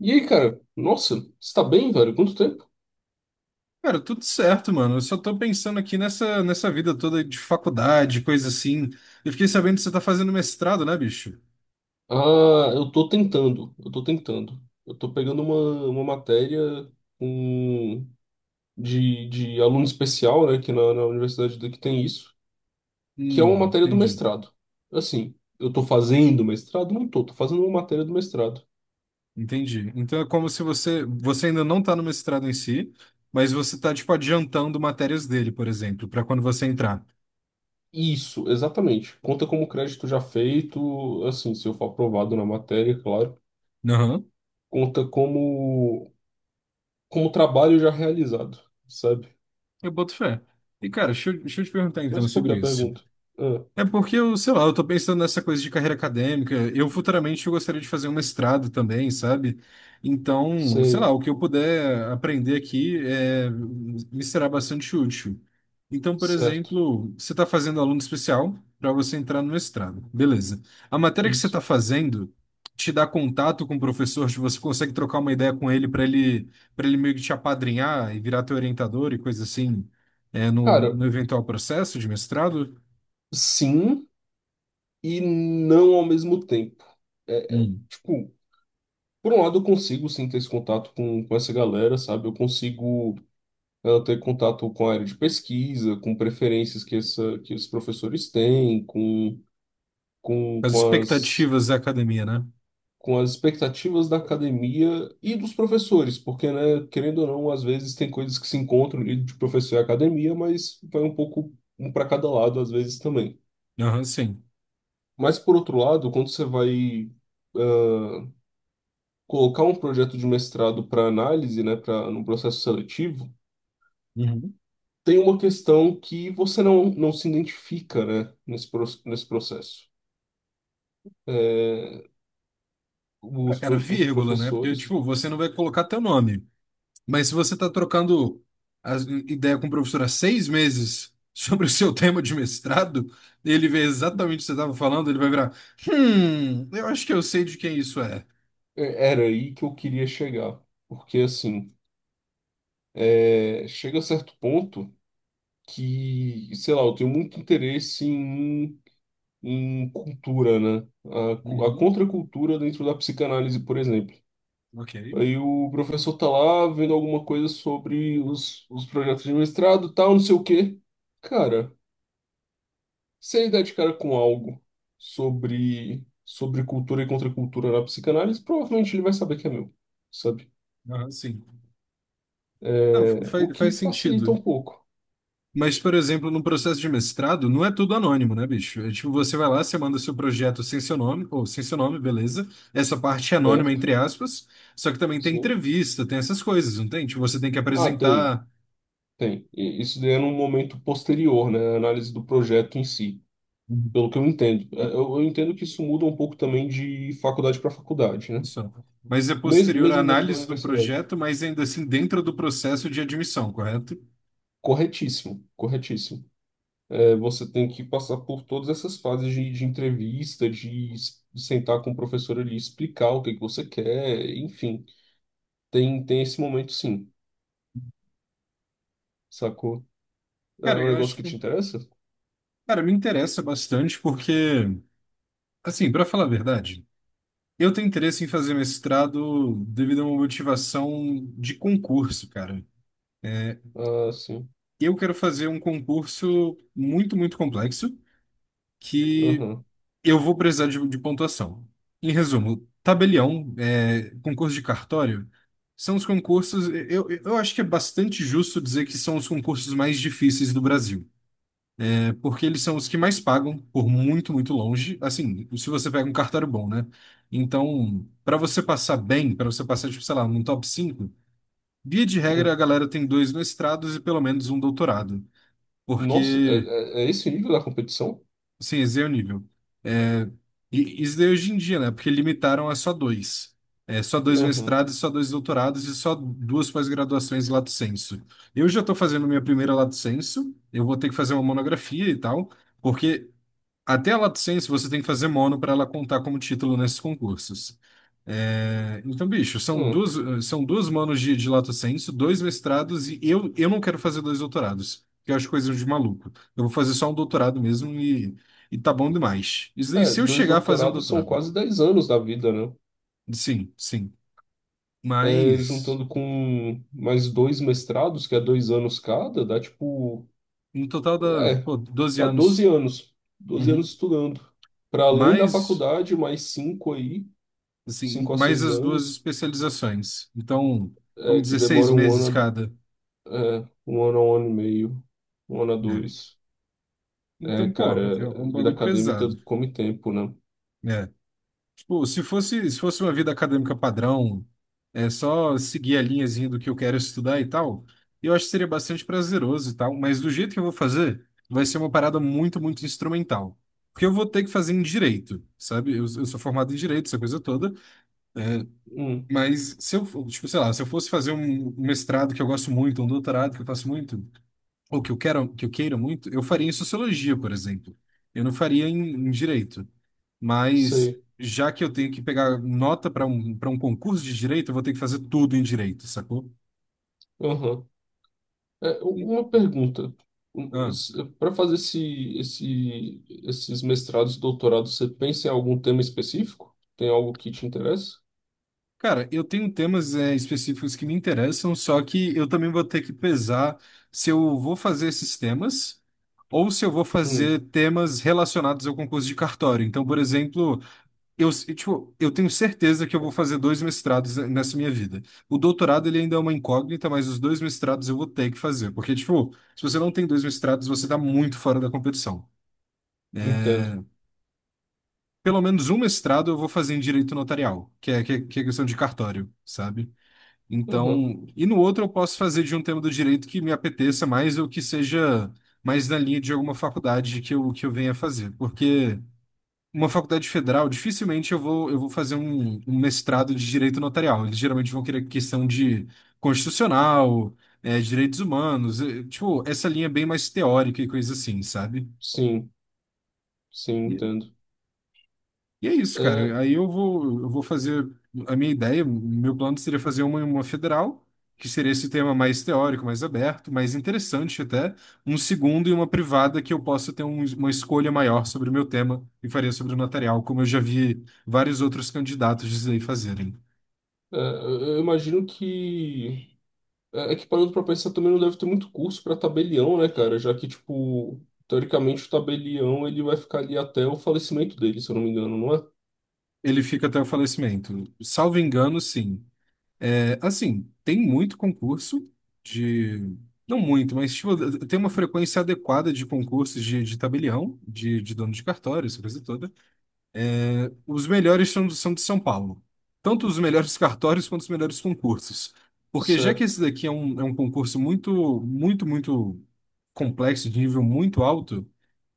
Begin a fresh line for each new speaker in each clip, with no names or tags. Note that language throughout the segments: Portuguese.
E aí, cara? Nossa, você tá bem, velho? Quanto tempo?
Cara, tudo certo, mano. Eu só tô pensando aqui nessa vida toda de faculdade, coisa assim. Eu fiquei sabendo que você tá fazendo mestrado, né, bicho?
Ah, eu tô tentando, eu tô tentando. Eu tô pegando uma matéria um, de aluno especial, né, que na universidade daqui tem isso, que é uma matéria do
Entendi.
mestrado. Assim, eu tô fazendo mestrado? Não tô, tô fazendo uma matéria do mestrado.
Entendi. Então é como se você ainda não tá no mestrado em si, mas você tá, tipo, adiantando matérias dele, por exemplo, pra quando você entrar.
Isso, exatamente. Conta como crédito já feito, assim, se eu for aprovado na matéria, claro.
Aham.
Conta como trabalho já realizado, sabe?
Eu boto fé. E, cara, deixa eu te perguntar então
Mas por que a
sobre isso.
pergunta? Ah,
É porque eu, sei lá, eu tô pensando nessa coisa de carreira acadêmica. Eu futuramente eu gostaria de fazer um mestrado também, sabe? Então, sei lá,
sei,
o que eu puder aprender aqui me será bastante útil. Então, por
certo.
exemplo, você está fazendo aluno especial para você entrar no mestrado. Beleza. A matéria que você está
Isso.
fazendo te dá contato com o professor, tipo, você consegue trocar uma ideia com ele, para ele meio que te apadrinhar e virar teu orientador e coisa assim, é, no,
Cara,
no eventual processo de mestrado?
sim e não ao mesmo tempo. É,
Hum.
tipo, por um lado eu consigo sim ter esse contato com essa galera, sabe? Eu consigo ter contato com a área de pesquisa, com preferências que os professores têm, com,
As
com as,
expectativas da academia, né?
com as expectativas da academia e dos professores, porque, né, querendo ou não, às vezes tem coisas que se encontram ali de professor e academia, mas vai um pouco um para cada lado às vezes também.
Aham, sim.
Mas, por outro lado, quando você vai eh, colocar um projeto de mestrado para análise, né, para no processo seletivo,
Uhum.
tem uma questão que você não se identifica, né, nesse processo.
Ah,
Os,
cara,
pro- os
vírgula, né? Porque,
professores,
tipo, você não vai colocar teu nome. Mas se você tá trocando a ideia com o professor há 6 meses sobre o seu tema de mestrado, ele vê exatamente o que você estava falando, ele vai virar, eu acho que eu sei de quem isso é.
era aí que eu queria chegar, porque assim, chega a certo ponto que, sei lá, eu tenho muito interesse em cultura, né, a
Uhum,
contracultura dentro da psicanálise, por exemplo.
ok.
Aí o professor tá lá vendo alguma coisa sobre os projetos de mestrado, tal, não sei o quê. Cara, você dá de cara com algo sobre cultura e contracultura na psicanálise, provavelmente ele vai saber que é meu, sabe?
Aham, sim. Não, fa-
É, o
faz,
que
faz
facilita um
sentido.
pouco,
Mas, por exemplo, no processo de mestrado, não é tudo anônimo, né, bicho? É, tipo, você vai lá, você manda seu projeto sem seu nome, ou sem seu nome, beleza. Essa parte é anônima,
certo?
entre aspas. Só que também tem
Sim.
entrevista, tem essas coisas, não tem? Tipo, você tem que
Ah, tem,
apresentar.
tem. E isso daí é num momento posterior, né? A análise do projeto em si,
Uhum.
pelo que eu entendo. É, eu entendo que isso muda um pouco também de faculdade para faculdade, né?
Isso. Mas é
Mesmo,
posterior à
mesmo dentro da
análise do
universidade.
projeto, mas ainda assim dentro do processo de admissão, correto?
Corretíssimo, corretíssimo. É, você tem que passar por todas essas fases de entrevista, de sentar com o professor ali, explicar o que que você quer, enfim. Tem esse momento, sim, sacou? É
Cara,
um
eu
negócio
acho
que te
que.
interessa?
Cara, me interessa bastante porque, assim, para falar a verdade. Eu tenho interesse em fazer mestrado devido a uma motivação de concurso, cara.
Ah, sim.
Eu quero fazer um concurso muito, muito complexo que
Aham.
eu vou precisar de pontuação. Em resumo, tabelião, concurso de cartório, são os concursos. Eu acho que é bastante justo dizer que são os concursos mais difíceis do Brasil, né? Porque eles são os que mais pagam por muito, muito longe. Assim, se você pega um cartório bom, né? Então, para você passar bem, para você passar, tipo, sei lá, num top 5, via de regra a
Hum.
galera tem dois mestrados e pelo menos um doutorado.
Nossa,
Porque
é esse o nível da competição?
Sim, esse é o nível. É, e isso daí hoje em dia, né? Porque limitaram a só dois. Só dois
Aham.
mestrados, só dois doutorados e só duas pós-graduações lato sensu. Eu já estou fazendo minha primeira lato sensu, eu vou ter que fazer uma monografia e tal, porque até a lato sensu você tem que fazer mono para ela contar como título nesses concursos. Então, bicho, são
Hum.
duas, são duas manos de Lato Sensu, dois mestrados, e eu não quero fazer dois doutorados, que eu acho coisa de maluco. Eu vou fazer só um doutorado mesmo e, tá bom demais. Isso daí,
É,
se eu
dois
chegar a fazer um
doutorados são
doutorado.
quase 10 anos da vida, né?
Sim, sim.
É,
Mas,
juntando com mais dois mestrados, que é 2 anos cada, dá tipo.
no total dá,
É,
pô, 12
tá 12
anos.
anos. doze
Uhum.
anos estudando. Para além da
Mais,
faculdade, mais 5 aí,
assim,
5 a
mais
6
as duas
anos,
especializações. Então, vamos
que
16
demora um
meses
ano,
cada,
um ano a um ano e meio, um ano a
né?
dois. É,
Então, pô, é
cara,
um
vida
bagulho
acadêmica
pesado.
come tempo, né?
Né? Pô, se fosse uma vida acadêmica padrão, é só seguir a linhazinha do que eu quero estudar e tal, eu acho que seria bastante prazeroso e tal, mas do jeito que eu vou fazer, vai ser uma parada muito, muito instrumental. Porque eu vou ter que fazer em direito, sabe? Eu sou formado em direito, essa coisa toda,
Hum,
mas se eu, for- tipo, sei lá, se eu fosse fazer um mestrado que eu gosto muito, um doutorado que eu faço muito, ou que eu quero, que eu queira muito, eu faria em sociologia, por exemplo. Eu não faria em direito mas
sei.
já que eu tenho que pegar nota para um concurso de direito, eu vou ter que fazer tudo em direito, sacou?
Aham. É,
E-
uma pergunta.
ah,
Para fazer esses mestrados e doutorados, você pensa em algum tema específico? Tem algo que te interessa?
cara, eu tenho temas específicos que me interessam, só que eu também vou ter que pesar se eu vou fazer esses temas ou se eu vou
Hum,
fazer temas relacionados ao concurso de cartório. Então, por exemplo, eu, tipo, eu tenho certeza que eu vou fazer dois mestrados nessa minha vida. O doutorado, ele ainda é uma incógnita, mas os dois mestrados eu vou ter que fazer. Porque, tipo, se você não tem dois mestrados, você tá muito fora da competição.
entendo.
Pelo menos um mestrado eu vou fazer em direito notarial, que é questão de cartório, sabe?
Aham.
Então, e no outro eu posso fazer de um tema do direito que me apeteça mais ou que seja mais na linha de alguma faculdade que eu, venha fazer. Porque. Uma faculdade federal, dificilmente eu vou, fazer um mestrado de direito notarial. Eles geralmente vão querer questão de constitucional, direitos humanos, tipo, essa linha bem mais teórica e coisa assim, sabe?
Sim. Sim, entendo.
E é isso,
É,
cara. Aí eu vou, fazer a minha ideia, o meu plano seria fazer uma federal, que seria esse tema mais teórico, mais aberto, mais interessante até, um segundo e uma privada que eu possa ter uma escolha maior sobre o meu tema e faria sobre o notarial, como eu já vi vários outros candidatos dizer e fazerem.
é, eu imagino que. É que parando pra pensar também não deve ter muito curso pra tabelião, né, cara? Já que, tipo, teoricamente o tabelião ele vai ficar ali até o falecimento dele, se eu não me engano, não é?
Ele fica até o falecimento. Salvo engano, sim. Assim, tem muito concurso de. Não muito, mas tipo, tem uma frequência adequada de concursos de, tabelião, de dono de cartório, essa coisa toda. Os melhores são de São Paulo. Tanto os melhores cartórios quanto os melhores concursos. Porque já que esse
Certo.
daqui é um concurso muito, muito, muito complexo, de nível muito alto,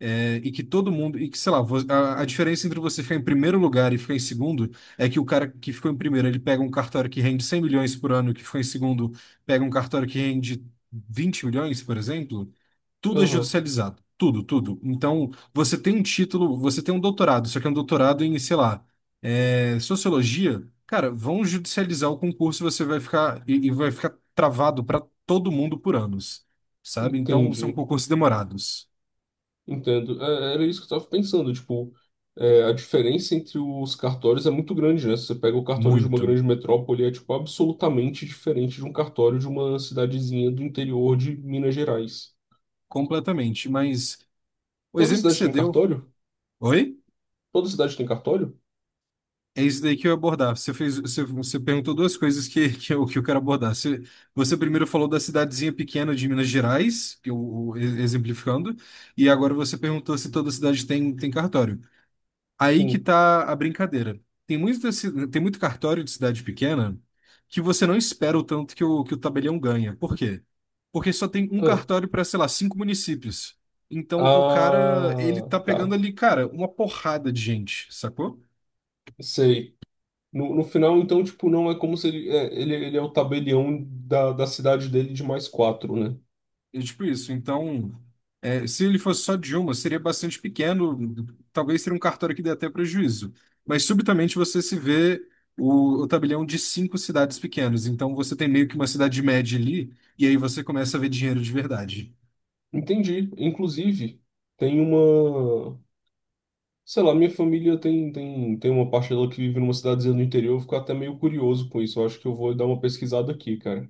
e que todo mundo, e que, sei lá, a diferença entre você ficar em primeiro lugar e ficar em segundo é que o cara que ficou em primeiro, ele pega um cartório que rende 100 milhões por ano, e que ficou em segundo pega um cartório que rende 20 milhões, por exemplo. Tudo é
Aham,
judicializado, tudo, tudo. Então, você tem um título, você tem um doutorado, só que é um doutorado em, sei lá, sociologia. Cara, vão judicializar o concurso, você vai ficar e vai ficar travado para todo mundo por anos, sabe? Então, são
entendi.
concursos demorados,
Entendo. É, era isso que eu tava pensando, tipo, a diferença entre os cartórios é muito grande, né? Se você pega o cartório de uma
muito.
grande metrópole, tipo, absolutamente diferente de um cartório de uma cidadezinha do interior de Minas Gerais.
Completamente. Mas o
Toda
exemplo que
cidade
você
tem
deu.
cartório?
Oi?
Toda cidade tem cartório?
É isso daí que eu ia abordar. Você fez, você perguntou duas coisas que, que eu quero abordar. Você primeiro falou da cidadezinha pequena de Minas Gerais, que eu exemplificando, e agora você perguntou se toda cidade tem, cartório. Aí que
Sim.
tá a brincadeira. Tem muito cartório de cidade pequena que você não espera o tanto que o tabelião ganha. Por quê? Porque só tem um
Ah,
cartório para, sei lá, cinco municípios. Então o cara, ele
Ah,
tá
tá.
pegando ali, cara, uma porrada de gente, sacou?
Sei. No final, então, tipo, não é como se ele é o tabelião da cidade dele de mais quatro, né?
É tipo isso. Então, se ele fosse só de uma, seria bastante pequeno, talvez seria um cartório que dê até prejuízo. Mas subitamente você se vê o tabelião de cinco cidades pequenas. Então você tem meio que uma cidade média ali, e aí você começa a ver dinheiro de verdade.
Entendi. Inclusive, tem uma. Sei lá, minha família tem uma parte dela que vive numa cidadezinha do interior. Eu fico até meio curioso com isso. Eu acho que eu vou dar uma pesquisada aqui, cara.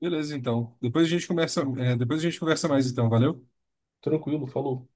Beleza, então. Depois a gente conversa mais, então. Valeu?
Tranquilo, falou.